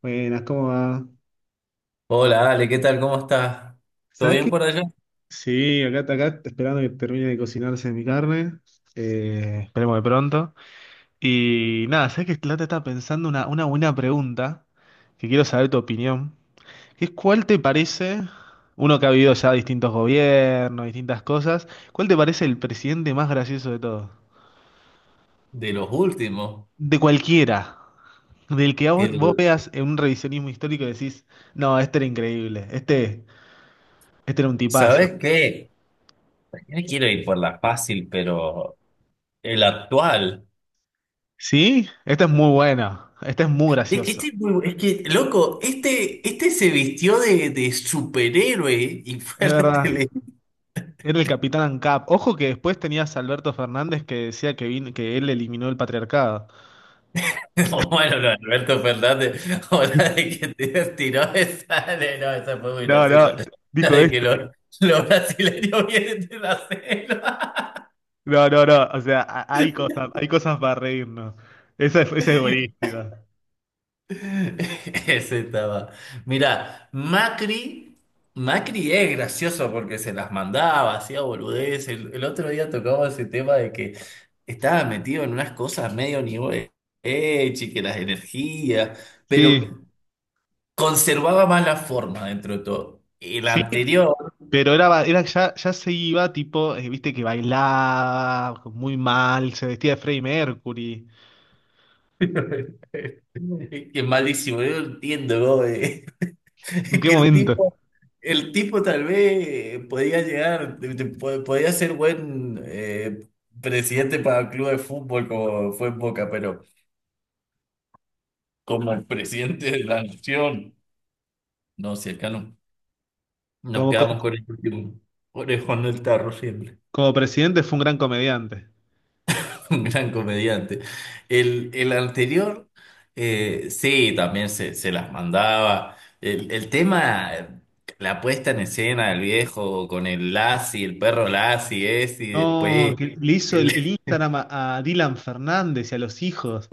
Buenas, ¿cómo va? Hola Ale, ¿qué tal? ¿Cómo estás? ¿Todo ¿Sabes bien qué? por allá? Sí, acá esperando que termine de cocinarse mi carne. Esperemos de pronto. Y nada, ¿sabes qué? La está pensando una buena pregunta que quiero saber tu opinión. Que es ¿cuál te parece, uno que ha vivido ya distintos gobiernos, distintas cosas, ¿cuál te parece el presidente más gracioso de todos? De los últimos. De cualquiera. Del que a vos El, veas en un revisionismo histórico y decís, no, este era increíble, este era un tipazo. ¿Sabes qué? Yo quiero ir por la fácil, pero el actual. Sí, esta es muy buena. Esta es muy Es que graciosa. este es muy bu- es que, loco, este se vistió de superhéroe y fue Es a la verdad. tele. Era el Capitán ANCAP. Ojo que después tenías a Alberto Fernández que decía que, que él eliminó el patriarcado. Bueno, no, Alberto Fernández, ahora de que te tiró esa, no, esa fue muy No, graciosa. no, La dijo de esto. que los brasileños vienen de la selva. No, no, no. O sea, hay cosas para reírnos. Esa es buenísima. Ese estaba. Mira, Macri es gracioso porque se las mandaba, hacía boludez. El otro día tocaba ese tema de que estaba metido en unas cosas medio nivel y que las energías, Sí, pero conservaba más la forma dentro de todo. El sí, anterior, pero era, era ya se iba, tipo, viste que bailaba muy mal, se vestía de Freddie Mercury. que es malísimo, yo no entiendo, ¿no? que ¿En qué el momento? tipo, el tipo tal vez podía llegar, podía ser buen presidente para el club de fútbol como fue en Boca, pero como presidente de la nación, no, si acá no, nos Como, co- quedamos con el último orejón del tarro siempre. como presidente fue un gran comediante. Un gran comediante. El anterior, sí, también se las mandaba. El tema, la puesta en escena del viejo con el Lassie, el perro Lassie es, y No, después... que le hizo el el- Instagram a Dylan Fernández y a los hijos.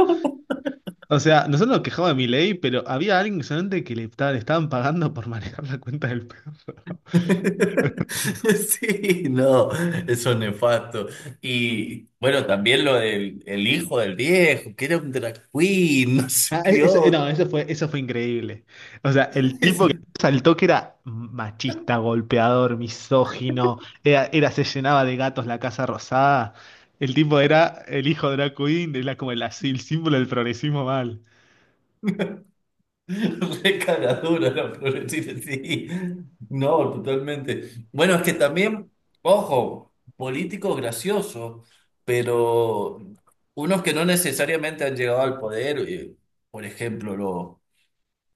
O sea, nosotros nos quejamos de Milei, pero había alguien que solamente que le, le estaban pagando por manejar la cuenta del perro. Sí, no, eso es nefasto. Y bueno, también lo del el hijo del viejo, que era un drag queen, no sé Ah, qué no, otro. Eso fue increíble. O sea, el tipo que saltó que era machista, golpeador, misógino, se llenaba de gatos la Casa Rosada. El tipo era el hijo de la Queen, era como el, así, el símbolo del progresismo mal. Re cagadura la progresista, sí. No, totalmente. Bueno, es que también, ojo, políticos graciosos, pero unos que no necesariamente han llegado al poder, por ejemplo, los,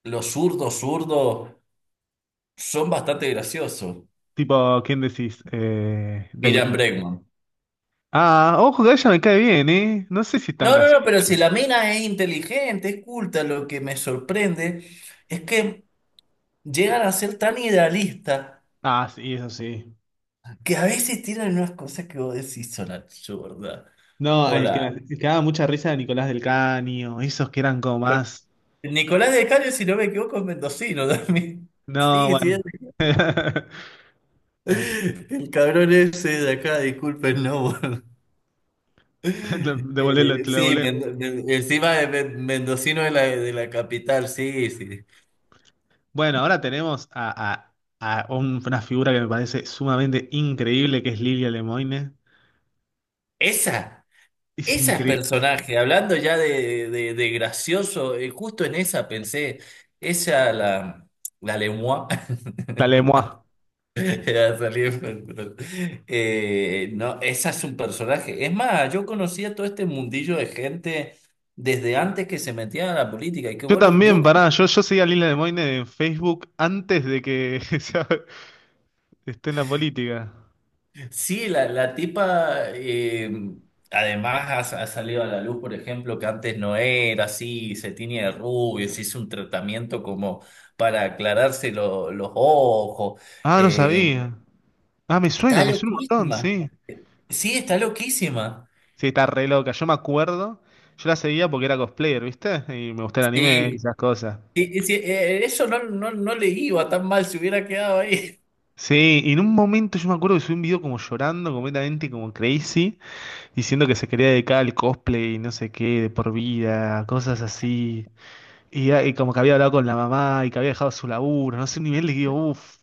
los zurdos zurdos son bastante graciosos. Tipo, ¿quién decís? Miriam Bregman. Ah, ojo, que ella me cae bien, ¿eh? No sé si es tan No, no, gracioso. no, pero si la mina es inteligente, es culta, lo que me sorprende es que llegan a ser tan idealistas Ah, sí, eso sí. que a veces tiran unas cosas que vos decís son absurdas. No, Hola. el que daba mucha risa era Nicolás del Caño, esos que eran como Con- más. Nicolás de Cario, si no me equivoco, es mendocino también. No, Sí, sí. bueno. Ay, El cabrón ese de acá, disculpen, no. te lo devolé, Eh, te lo sí, devolé. Encima de mendocino de la capital, sí, sí. Bueno, ahora tenemos a, una figura que me parece sumamente increíble, que es Lilia Lemoine. Esa, Es esa es increíble. personaje. Hablando ya de gracioso, justo en esa pensé, esa la lengua. La Lemoine. Era salir con el control. No, esa es un personaje. Es más, yo conocía todo este mundillo de gente desde antes que se metía a la política. Y que Yo vos lo- yo, también, con- pará, yo seguía a Lilia Lemoine en Facebook antes de que esté en la política. sí, la tipa, además ha salido a la luz, por ejemplo, que antes no era así, se tiñe de rubio, se hizo un tratamiento como para aclararse los ojos. Ah, no Eh, sabía. Ah, está me suena un montón, loquísima. sí. Sí, está loquísima. Sí, está re loca. Yo me acuerdo, yo la seguía porque era cosplayer, ¿viste? Y me gustaba el anime y Sí. esas cosas. Y si, eso no le iba tan mal si hubiera quedado ahí. Sí, y en un momento yo me acuerdo que subí un video como llorando completamente, como crazy, diciendo que se quería dedicar al cosplay y no sé qué, de por vida, cosas así. Y, ah, y como que había hablado con la mamá y que había dejado su laburo, no sé, un nivel de que digo, uff,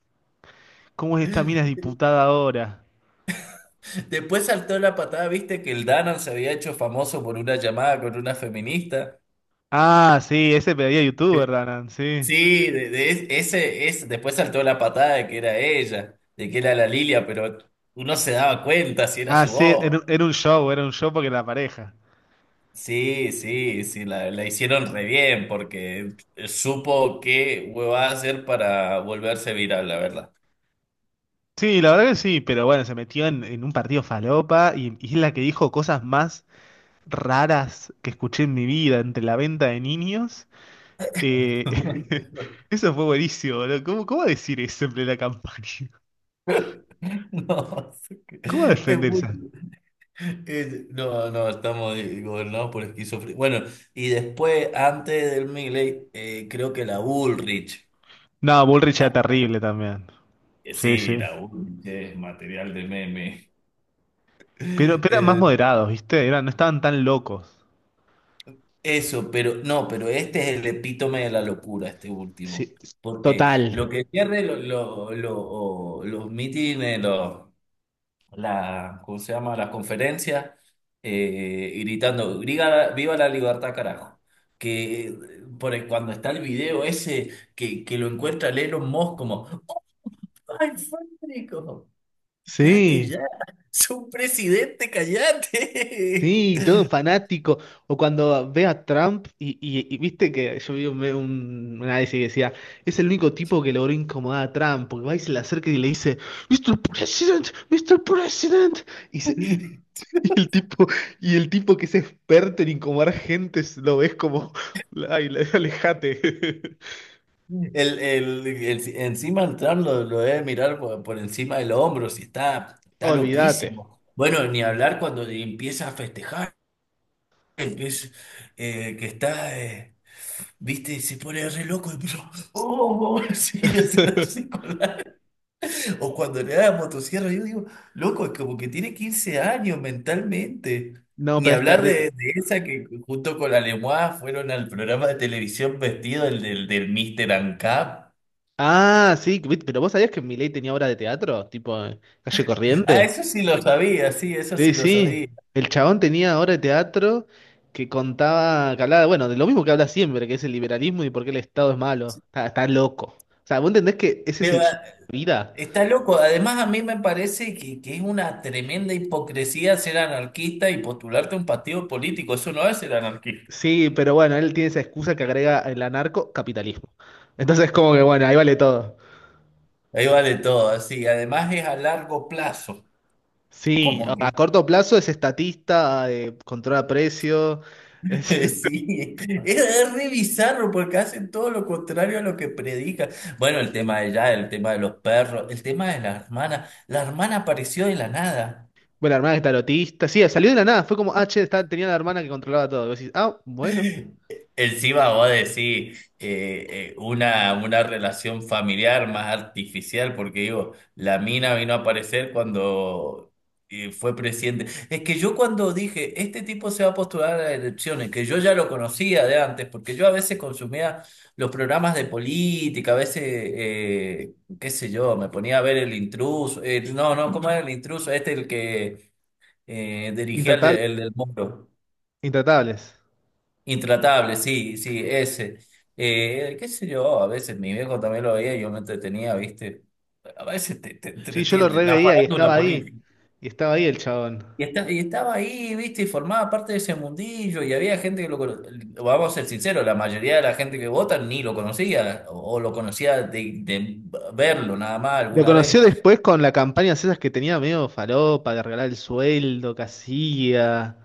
¿cómo es esta mina es diputada ahora? Después saltó la patada, viste que el Danan se había hecho famoso por una llamada con una feminista. Ah, sí, ese pedía youtuber, Danan, sí. Sí, de ese, después saltó la patada de que era ella, de que era la Lilia, pero uno se daba cuenta si era Ah, su sí, voz. Era un show porque era la pareja. Sí, sí, sí, la hicieron re bien porque supo qué hueva hacer para volverse viral, la verdad. Sí, la verdad que sí, pero bueno, se metió en un partido falopa y es la que dijo cosas más raras que escuché en mi vida entre la venta de niños. Eh, eso fue buenísimo, boludo. Cómo decir eso en plena campaña? No, ¿Cómo es muy. defenderse? No, no, estamos gobernados por esquizofrenia. Bueno, y después, antes del Milei, creo que la Bullrich, No, Bullrich era terrible también. que Sí, sí, sí. la Bullrich es material de meme. Pero eran más El- moderados, ¿viste? Eran, no estaban tan locos. eso, pero no, pero este es el epítome de la locura, este último. Sí, Porque total. lo que pierde los mítines. ¿Cómo se llama? La conferencia, gritando, "Viva, viva la libertad, carajo". Que eh, cuando está el video ese que lo encuentra el Elon Musk como, ¡ay, Federico! ¡Cállate Sí. ya! ¡Soy un presidente, cállate! Sí, todo fanático. O cuando ve a Trump y, y viste que yo vi un, un análisis que decía, es el único tipo que logró incomodar a Trump, porque va y se le acerca y le dice, Mister President, Mister President. Y, y el tipo, y el tipo que es experto en incomodar gente, lo ves como, ay, alejate. Encima el Trump lo debe mirar por encima del hombro, si está, está Olvídate. loquísimo. Bueno, ni hablar cuando empieza a festejar, empieza, eh, que está... eh, ¿Viste? Se pone re loco y yo, oh, sí, hacer así con la. O cuando le da la motosierra, yo digo, loco, es como que tiene 15 años mentalmente. No, Ni pero es hablar de, terrible. de esa que junto con la Lemois fueron al programa de televisión vestido, el del Mr. Ancap. Ah, sí, ¿viste? Pero vos sabías que Milei tenía obra de teatro, tipo Calle Ah, Corriente. eso sí lo sabía, sí, eso sí Sí, lo sí. sabía. El chabón tenía obra de teatro que contaba, que hablaba, bueno, de lo mismo que habla siempre, que es el liberalismo y por qué el Estado es malo. Está, está loco. O sea, ¿vos entendés que ese es Pero su vida? está loco. Además, a mí me parece que es una tremenda hipocresía ser anarquista y postularte a un partido político. Eso no es ser anarquista. Sí, pero bueno, él tiene esa excusa que agrega el anarcocapitalismo. Entonces, como que bueno, ahí vale todo. Ahí vale todo, así. Además es a largo plazo. Sí, Como que a corto plazo es estatista, controla precios, es, sí, es re bizarro porque hacen todo lo contrario a lo que predica. Bueno, el tema de ya, el tema de los perros, el tema de la hermana. La hermana apareció de la nada. bueno, la hermana es tarotista. Sí, salió de la nada, fue como, ah, che, tenía la hermana que controlaba todo. Y vos decís, ah, bueno, Encima vos decís una relación familiar más artificial, porque digo, la mina vino a aparecer cuando fue presidente. Es que yo cuando dije, este tipo se va a postular a las elecciones, que yo ya lo conocía de antes, porque yo a veces consumía los programas de política, a veces, qué sé yo, me ponía a ver el intruso, no, no, ¿cómo era el intruso? Este el que dirigía el, intratable- el del Moro. intratables. Intratable, sí, sí, ese. Qué sé yo, a veces mi viejo también lo veía y yo me entretenía, ¿viste? A veces te Sí, yo lo entretienen, la reveía y farándula estaba ahí. política. Y estaba ahí el chabón. Y estaba ahí, ¿viste? Y formaba parte de ese mundillo y había gente que lo conocía, vamos a ser sinceros, la mayoría de la gente que vota ni lo conocía o, lo conocía de verlo nada más Lo alguna conoció vez. después con la campaña esas que tenía medio falopa, de regalar el sueldo que hacía.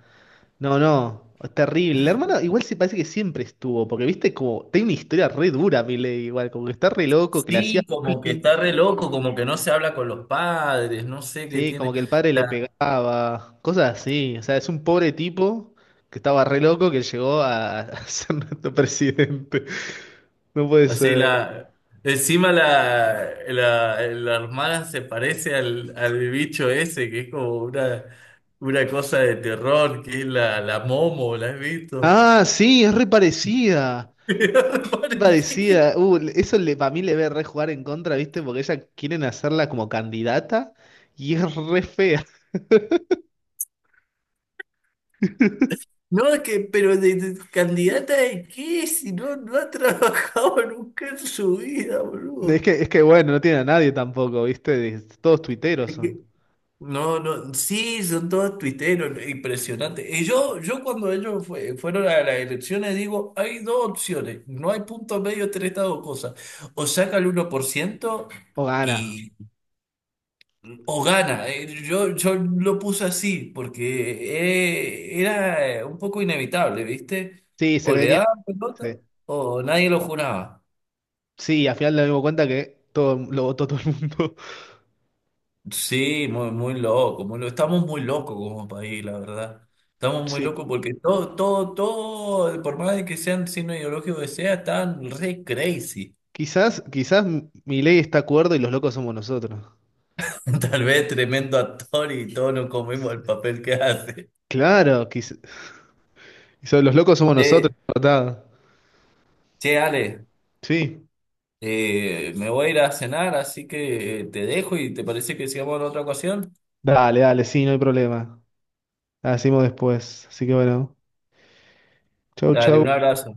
No, no, es terrible. La hermana igual se parece que siempre estuvo, porque viste como, tiene una historia re dura, Milei, igual, como que está re loco, que le hacía Sí, como que bullying, está re loco, como que no se habla con los padres, no sé qué sí, tiene. como que el padre le pegaba, cosas así. O sea, es un pobre tipo que estaba re loco que llegó a ser nuestro presidente. No puede Así ser. la. Encima la armada se parece al bicho ese, que es como una cosa de terror, que es la Momo, ¿la has visto? Ah, sí, es re parecida. Parecido. Parecida, eso le, para mí le ve re jugar en contra, ¿viste? Porque ella quieren hacerla como candidata y es re fea. No, es que, pero de candidata de qué, si no, no ha trabajado nunca en su vida, boludo. Es que bueno, no tiene a nadie tampoco, ¿viste? Es- Todos tuiteros son. No, no, sí, son todos tuiteros, ¿no? Impresionante. Y yo cuando ellos fueron a las elecciones digo, hay dos opciones, no hay punto medio entre estas dos cosas. O saca el 1% O gana. y, o gana. Yo lo puse así porque era un poco inevitable, ¿viste? Sí, se O le venía. daban pelota Sí, o nadie lo juraba. Sí, al final nos dimos cuenta que todo lo votó todo el mundo. Sí, muy, muy loco, muy loco. Estamos muy locos como país, la verdad. Estamos muy Sí. locos porque todo, todo, todo, por más de que sean signo ideológico que sea, están re crazy. Quizás, quizás Milei está acuerdo y los locos somos nosotros. Tal vez tremendo actor y todos nos comemos el Sí. papel que hace. Claro, quizás, los locos somos nosotros, Che, ¿verdad? che, Ale, Sí. Me voy a ir a cenar, así que te dejo y te parece que sigamos en otra ocasión. Dale, dale, sí, no hay problema. La decimos después. Así que bueno. Chau, Dale, chau. un abrazo.